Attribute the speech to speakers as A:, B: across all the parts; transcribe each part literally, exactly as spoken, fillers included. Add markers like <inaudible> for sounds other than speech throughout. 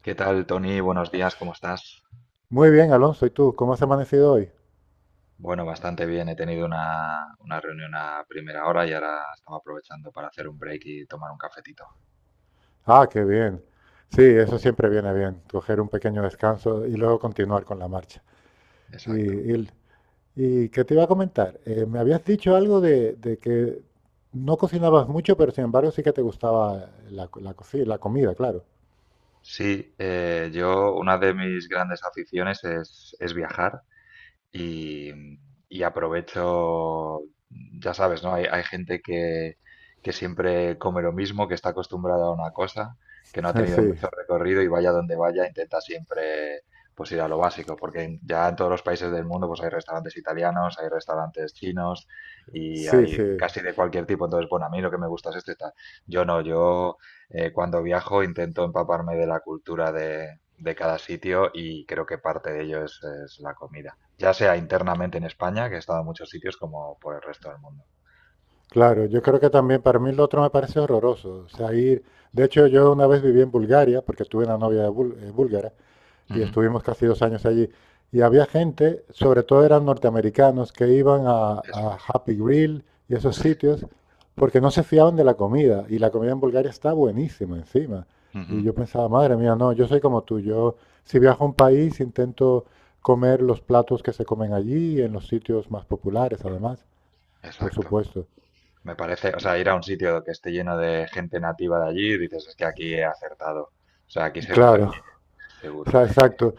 A: ¿Qué tal, Tony? Buenos días, ¿cómo estás?
B: Muy bien, Alonso. ¿Y tú? ¿Cómo has amanecido hoy?
A: Bueno, bastante bien. He tenido una, una reunión a primera hora y ahora estaba aprovechando para hacer un break y tomar un cafetito.
B: Ah, qué bien. Sí, eso siempre viene bien, coger un pequeño descanso y luego continuar con la marcha. Y,
A: Exacto.
B: y, y qué te iba a comentar. Eh, me habías dicho algo de, de que no cocinabas mucho, pero sin embargo sí que te gustaba la, co- la, coci- la comida, claro.
A: Sí, eh, yo una de mis grandes aficiones es, es viajar. Y, y aprovecho, ya sabes, ¿no? Hay, hay gente que, que siempre come lo mismo, que está acostumbrada a una cosa, que no ha
B: <laughs> Ah,
A: tenido
B: sí,
A: mucho recorrido y vaya donde vaya, intenta siempre pues ir a lo básico, porque en- ya en todos los países del mundo pues hay restaurantes italianos, hay restaurantes chinos y
B: sí,
A: hay
B: sí,
A: casi de cualquier tipo. Entonces, bueno, a mí lo que me gusta es este y tal. Yo no, yo eh, cuando viajo intento empaparme de la cultura de, de cada sitio y creo que parte de ello es es la comida. Ya sea internamente en España, que he estado en muchos sitios, como por el resto del mundo.
B: claro. Yo creo que también para mí lo otro me parece horroroso. O sea, ir, de hecho, yo una vez viví en Bulgaria, porque tuve una novia de búl- eh, búlgara, y
A: Ujú.
B: estuvimos casi dos años allí. Y había gente, sobre todo eran norteamericanos, que iban a,
A: Eso
B: a
A: es.
B: Happy Grill y esos sitios porque no se fiaban de la comida. Y la comida en Bulgaria está buenísima encima. Y
A: Ujú.
B: yo pensaba, madre mía, no, yo soy como tú. Yo, si viajo a un país, intento comer los platos que se comen allí, en los sitios más populares, además, por
A: Exacto.
B: supuesto.
A: Me parece, o sea, ir a un sitio que esté lleno de gente nativa de allí, dices, es que aquí he acertado. O sea, aquí se <laughs> come
B: Claro,
A: bien,
B: o
A: seguro.
B: sea, exacto.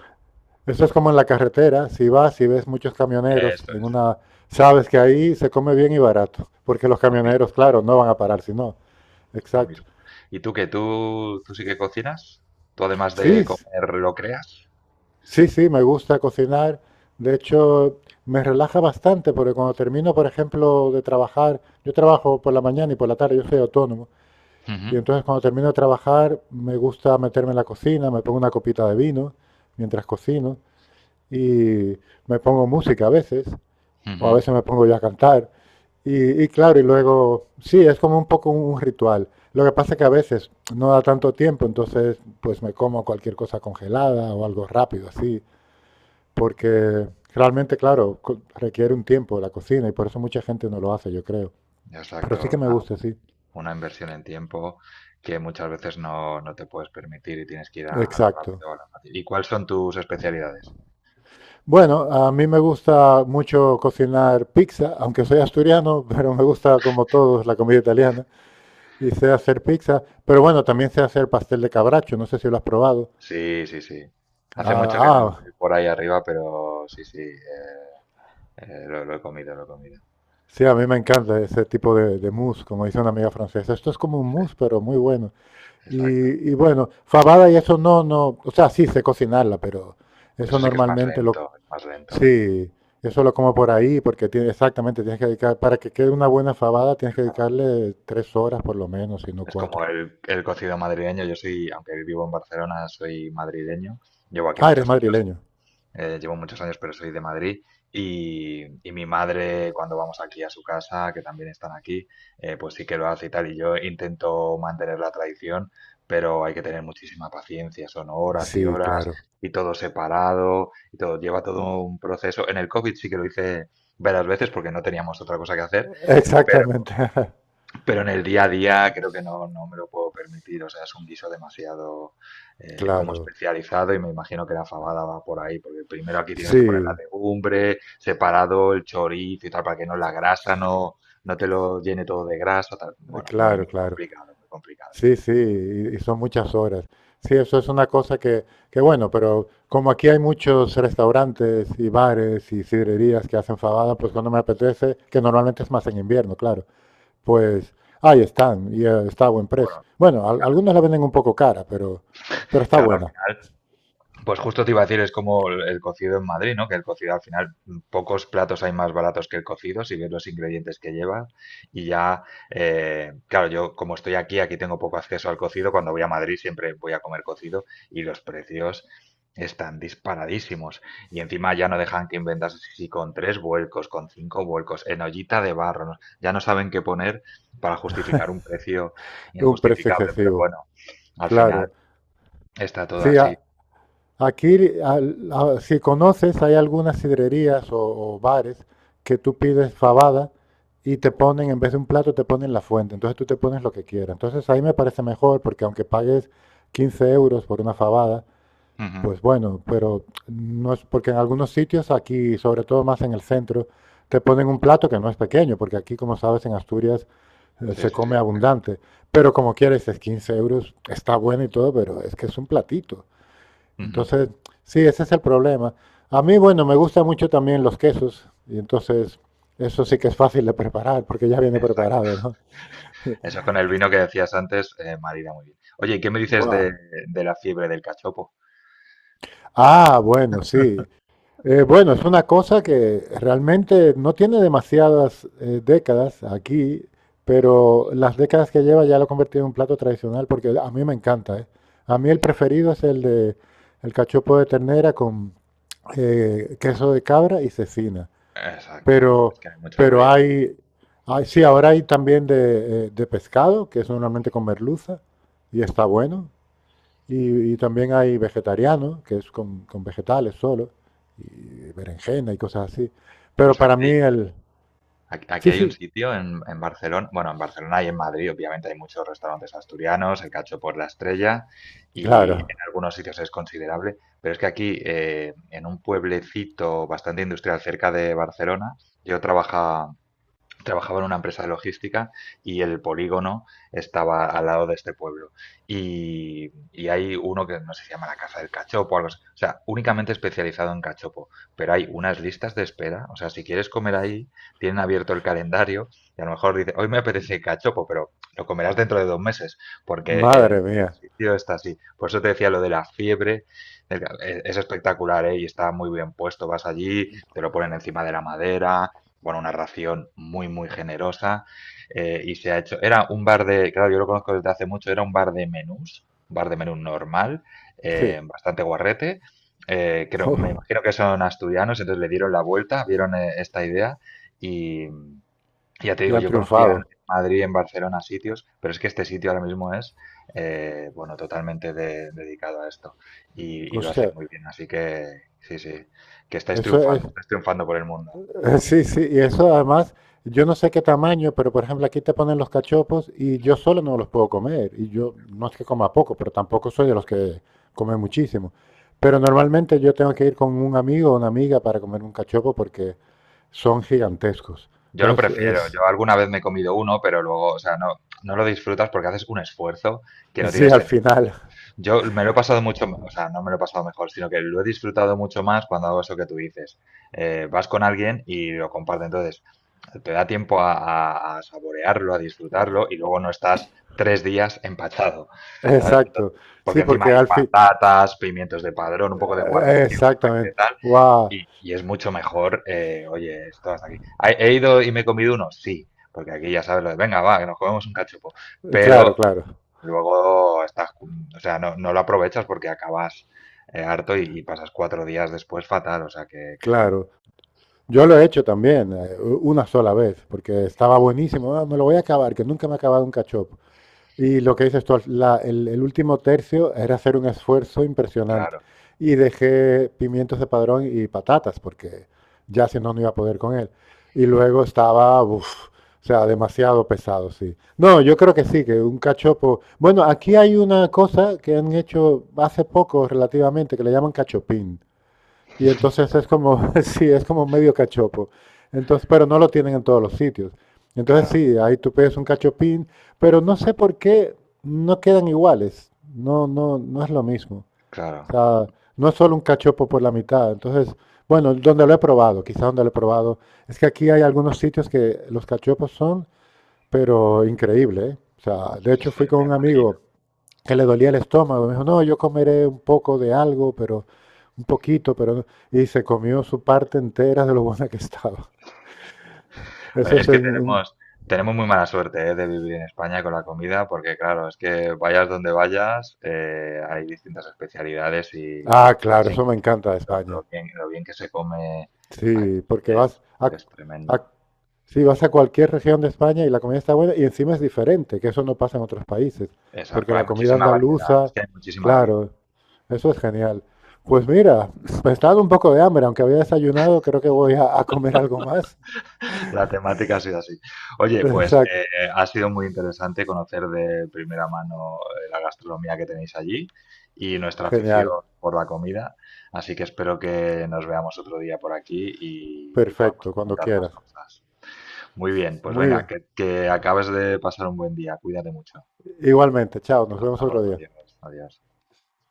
B: Eso es como en la carretera, si vas y ves muchos camioneros
A: Eso
B: en
A: es,
B: una, sabes que ahí se come bien y barato, porque los
A: lo mismo,
B: camioneros, claro, no van a parar si no.
A: lo
B: Exacto.
A: mismo. ¿Y tú qué? ¿Tú, tú sí que cocinas? ¿Tú además de
B: Sí,
A: comer lo creas?
B: sí, sí, me gusta cocinar. De hecho, me relaja bastante porque cuando termino, por ejemplo, de trabajar, yo trabajo por la mañana y por la tarde, yo soy autónomo, y
A: Ujú,
B: entonces cuando termino de trabajar me gusta meterme en la cocina, me pongo una copita de vino mientras cocino y me pongo música a veces o a
A: ujú.
B: veces me pongo yo a cantar. Y, y claro, y luego, sí, es como un poco un, ritual. Lo que pasa es que a veces no da tanto tiempo, entonces pues me como cualquier cosa congelada o algo rápido así, porque realmente, claro, co- requiere un tiempo la cocina y por eso mucha gente no lo hace, yo creo. Pero sí
A: Exacto.
B: que me gusta, sí.
A: Una inversión en tiempo que muchas veces no, no te puedes permitir y tienes que ir a, a lo
B: Exacto.
A: rápido o a lo fácil. ¿Y cuáles son tus especialidades?
B: Bueno, a mí me gusta mucho cocinar pizza, aunque soy asturiano, <laughs> pero me gusta como todos la comida italiana. Y sé hacer pizza, pero bueno, también sé hacer pastel de cabracho, no sé si lo has probado.
A: Sí, sí, sí. Hace
B: Ah,
A: mucho que no voy
B: ah,
A: por ahí arriba, pero sí, sí, eh, eh, lo, lo he comido, lo he comido.
B: sí, a mí me encanta ese tipo de, de mousse, como dice una amiga francesa. Esto es como un
A: Sí,
B: mousse, pero muy bueno. Y,
A: exacto.
B: y bueno, fabada y eso no, no, o sea, sí sé cocinarla, pero eso
A: Eso sí que es más
B: normalmente lo,
A: lento, es más lento,
B: sí, eso lo como por ahí, porque tiene, exactamente tienes que dedicar, para que quede una buena fabada tienes que
A: claro.
B: dedicarle tres horas por lo menos, si no
A: Es
B: cuatro.
A: como el, el cocido madrileño. Yo soy, aunque vivo en Barcelona, soy madrileño, llevo aquí
B: Ah, eres
A: muchos años.
B: madrileño.
A: Eh, llevo muchos años, pero soy de Madrid. Y, y mi madre, cuando vamos aquí a su casa, que también están aquí, eh, pues sí que lo hace y tal. Y yo intento mantener la tradición, pero hay que tener muchísima paciencia. Son horas y
B: Sí,
A: horas
B: claro.
A: y todo separado y todo. Lleva todo un proceso. En el COVID sí que lo hice varias veces porque no teníamos otra cosa que hacer,
B: Exactamente. <laughs>
A: pero en el día a día creo que no, no me lo puedo permitir. O sea, es un guiso demasiado eh, como
B: Claro.
A: especializado, y me imagino que la fabada va por ahí, porque primero aquí tienes que poner la
B: Sí,
A: legumbre, separado el chorizo y tal, para que no la grasa
B: cl-
A: no, no te lo llene todo de grasa. Tal. Bueno, muy,
B: claro,
A: muy
B: claro.
A: complicado, muy complicado.
B: Sí, sí, y y son muchas horas. Sí, eso es una cosa que, que bueno, pero como aquí hay muchos restaurantes y bares y sidrerías que hacen fabada, pues cuando me apetece, que normalmente es más en invierno, claro, pues ahí están y eh, está a buen precio.
A: Bueno,
B: Bueno, al-
A: ya,
B: algunos la venden un poco cara, pero, pero está
A: claro, al
B: buena,
A: final. Pues justo te iba a decir, es como el, el cocido en Madrid, ¿no? Que el cocido al final, mm, pocos platos hay más baratos que el cocido, si ves los ingredientes que lleva. Y ya, eh, claro, yo como estoy aquí, aquí tengo poco acceso al cocido. Cuando voy a Madrid siempre voy a comer cocido y los precios están disparadísimos. Y encima ya no dejan que inventas si con tres vuelcos, con cinco vuelcos, en ollita de barro. ¿No? Ya no saben qué poner para justificar un precio
B: un precio
A: injustificable, pero
B: excesivo,
A: bueno, al final
B: claro.
A: está todo
B: Sí,
A: así.
B: ah, aquí, al- a- si conoces, hay algunas sidrerías o, o bares que tú pides fabada y te ponen, en vez de un plato, te ponen la fuente. Entonces tú te pones lo que quieras. Entonces ahí me parece mejor porque aunque pagues quince euros por una fabada,
A: Ujú.
B: pues bueno, pero no es porque en algunos sitios aquí, sobre todo más en el centro, te ponen un plato que no es pequeño, porque aquí, como sabes, en Asturias eh,
A: Sí,
B: se
A: sí.
B: come abundante. Pero como quieres, es quince euros, está bueno y todo, pero es que es un platito.
A: Ujú.
B: Entonces, sí, ese es el problema. A mí, bueno, me gustan mucho también los quesos y entonces eso sí que es fácil de preparar porque ya viene
A: Exacto.
B: preparado, ¿no?
A: Eso con el vino que decías antes, eh, marida muy bien. Oye, ¿y qué me dices de,
B: Guau.
A: de la fiebre del cachopo?
B: Ah, bueno, sí. Eh, bueno, es una cosa que realmente no tiene demasiadas eh, décadas aquí, pero las décadas que lleva ya lo ha convertido en un plato tradicional porque a mí me encanta, ¿eh? A mí el preferido es el de el cachopo de ternera con eh, queso de cabra y cecina.
A: Exacto,
B: Pero,
A: es que hay muchas
B: pero
A: variedades.
B: hay, hay- sí, ahora hay también de, eh, de pescado, que es normalmente con merluza, y está bueno. Y, y también hay vegetariano, que es con, con vegetales solo, y berenjena y cosas así. Pero
A: Pues
B: para mí
A: aquí,
B: el...
A: aquí, aquí
B: Sí,
A: hay un
B: sí,
A: sitio en, en Barcelona, bueno, en Barcelona y en Madrid, obviamente hay muchos restaurantes asturianos, el cachopo es la estrella y
B: claro.
A: en algunos sitios es considerable, pero es que aquí, eh, en un pueblecito bastante industrial cerca de Barcelona, yo trabaja, trabajaba en una empresa de logística y el polígono estaba al lado de este pueblo. Y, y hay uno que no sé si se llama la Casa del Cachopo o algo así. O sea, únicamente especializado en cachopo. Pero hay unas listas de espera. O sea, si quieres comer ahí, tienen abierto el calendario y a lo mejor dice, hoy me apetece cachopo, pero lo comerás dentro de dos meses, porque el,
B: Madre
A: el
B: mía.
A: sitio está así. Por eso te decía lo de la fiebre. del ca- e- Es espectacular, ¿eh? Y está muy bien puesto. Vas allí, te lo ponen encima de la madera, bueno, una ración muy, muy generosa. Eh, y se ha hecho, era un bar de, claro, yo lo conozco desde hace mucho, era un bar de menús, un bar de menú normal,
B: Sí.
A: eh,
B: <laughs>
A: bastante guarrete. Eh, creo, me
B: Oh,
A: imagino que son asturianos, entonces le dieron la vuelta, vieron eh, esta idea y ya te
B: y
A: digo,
B: han
A: yo conocía en
B: triunfado.
A: Madrid, en Barcelona sitios, pero es que este sitio ahora mismo es, eh, bueno, totalmente de- dedicado a esto y, y
B: O
A: lo hacen
B: sea,
A: muy bien, así que sí, sí, que estáis
B: eso es...
A: triunfando, estáis triunfando por el mundo.
B: <laughs> Eh, Sí, sí, y eso además, yo no sé qué tamaño, pero por ejemplo aquí te ponen los cachopos y yo solo no los puedo comer. Y yo no es que coma poco, pero tampoco soy de los que come muchísimo. Pero normalmente yo tengo que ir con un amigo o una amiga para comer un cachopo porque son gigantescos.
A: Yo lo
B: Entonces
A: prefiero. Yo
B: es,
A: alguna vez me he comido uno, pero luego, o sea, no, no lo disfrutas porque haces un esfuerzo
B: <laughs>
A: que no
B: sí,
A: tiene
B: al
A: sentido.
B: final,
A: Yo me lo he pasado mucho, o sea, no me lo he pasado mejor, sino que lo he disfrutado mucho más cuando hago eso que tú dices. Eh, vas con alguien y lo compartes, entonces te da tiempo a, a- a saborearlo, a disfrutarlo y luego no estás tres días empachado,
B: <laughs>
A: ¿sabes? Entonces,
B: exacto.
A: porque
B: Sí,
A: encima
B: porque
A: hay
B: al fin,
A: patatas, pimientos de padrón, un poco de
B: eh,
A: guarnición para que
B: exactamente.
A: tal,
B: Wow,
A: y, y es mucho mejor, eh, oye, esto hasta aquí. ¿He he ido y me he comido uno? Sí, porque aquí ya sabes lo de, venga, va, que nos comemos un cachopo.
B: claro,
A: Pero
B: claro,
A: luego estás, o sea, no, no lo aprovechas porque acabas eh, harto y, y pasas cuatro días después fatal, o sea, que, que estoy-
B: claro. Yo lo he hecho también, eh, u- una sola vez, porque estaba buenísimo. "Ah, me lo voy a acabar, que nunca me ha acabado un cachopo. Y lo que dices tú, la- el, el último tercio era hacer un esfuerzo impresionante.
A: Claro,
B: Y dejé pimientos de padrón y patatas, porque ya si no, no iba a poder con él. Y luego estaba, uf, o sea, demasiado pesado, sí. No, yo creo que sí, que un cachopo. Bueno, aquí hay una cosa que han hecho hace poco relativamente, que le llaman cachopín. Y entonces es como, <laughs> sí, es como medio cachopo. Entonces, pero no lo tienen en todos los sitios. Entonces
A: claro,
B: sí, ahí tú pides un cachopín, pero no sé por qué no quedan iguales. No, no, no es lo mismo. O
A: claro.
B: sea, no es solo un cachopo por la mitad. Entonces, bueno, donde lo he probado, quizá donde lo he probado, es que aquí hay algunos sitios que los cachopos son, pero increíble, ¿eh? O sea, de
A: Sí,
B: hecho
A: sí, me
B: fui con un
A: imagino.
B: amigo que le dolía el estómago. Me dijo, no, yo comeré un poco de algo, pero un poquito, pero no- y se comió su parte entera de lo buena que estaba. <laughs>
A: Eh,
B: Ese
A: Es
B: es
A: que
B: en un-
A: tenemos, tenemos muy mala suerte, eh, de vivir en España con la comida, porque claro, es que vayas donde vayas, eh, hay distintas especialidades y
B: ah,
A: es
B: claro, eso me
A: increíble.
B: encanta de
A: Lo, lo
B: España.
A: bien, lo bien que se come
B: Sí,
A: aquí
B: porque
A: es,
B: vas a,
A: es
B: a-
A: tremendo.
B: sí, vas a cualquier región de España y la comida está buena y encima es diferente, que eso no pasa en otros países,
A: Es-
B: porque
A: hay
B: la comida
A: muchísima variedad, es
B: andaluza,
A: que hay muchísima variedad.
B: claro, eso es genial. Pues mira, <laughs> me está dando un poco de hambre, aunque había desayunado, creo que voy a, a comer algo más.
A: La temática ha sido así.
B: <laughs>
A: Oye, pues
B: Exacto,
A: eh, eh, ha sido muy interesante conocer de primera mano eh, la gastronomía que tenéis allí y nuestra afición
B: genial,
A: por la comida. Así que espero que nos veamos otro día por aquí y, y podamos
B: perfecto, cuando
A: comentar más
B: quieras.
A: cosas. Muy bien, pues
B: Muy
A: venga,
B: bien.
A: que, que acabes de pasar un buen día. Cuídate mucho.
B: Igualmente, chao, nos
A: Hasta
B: vemos otro
A: luego,
B: día.
A: adiós, adiós.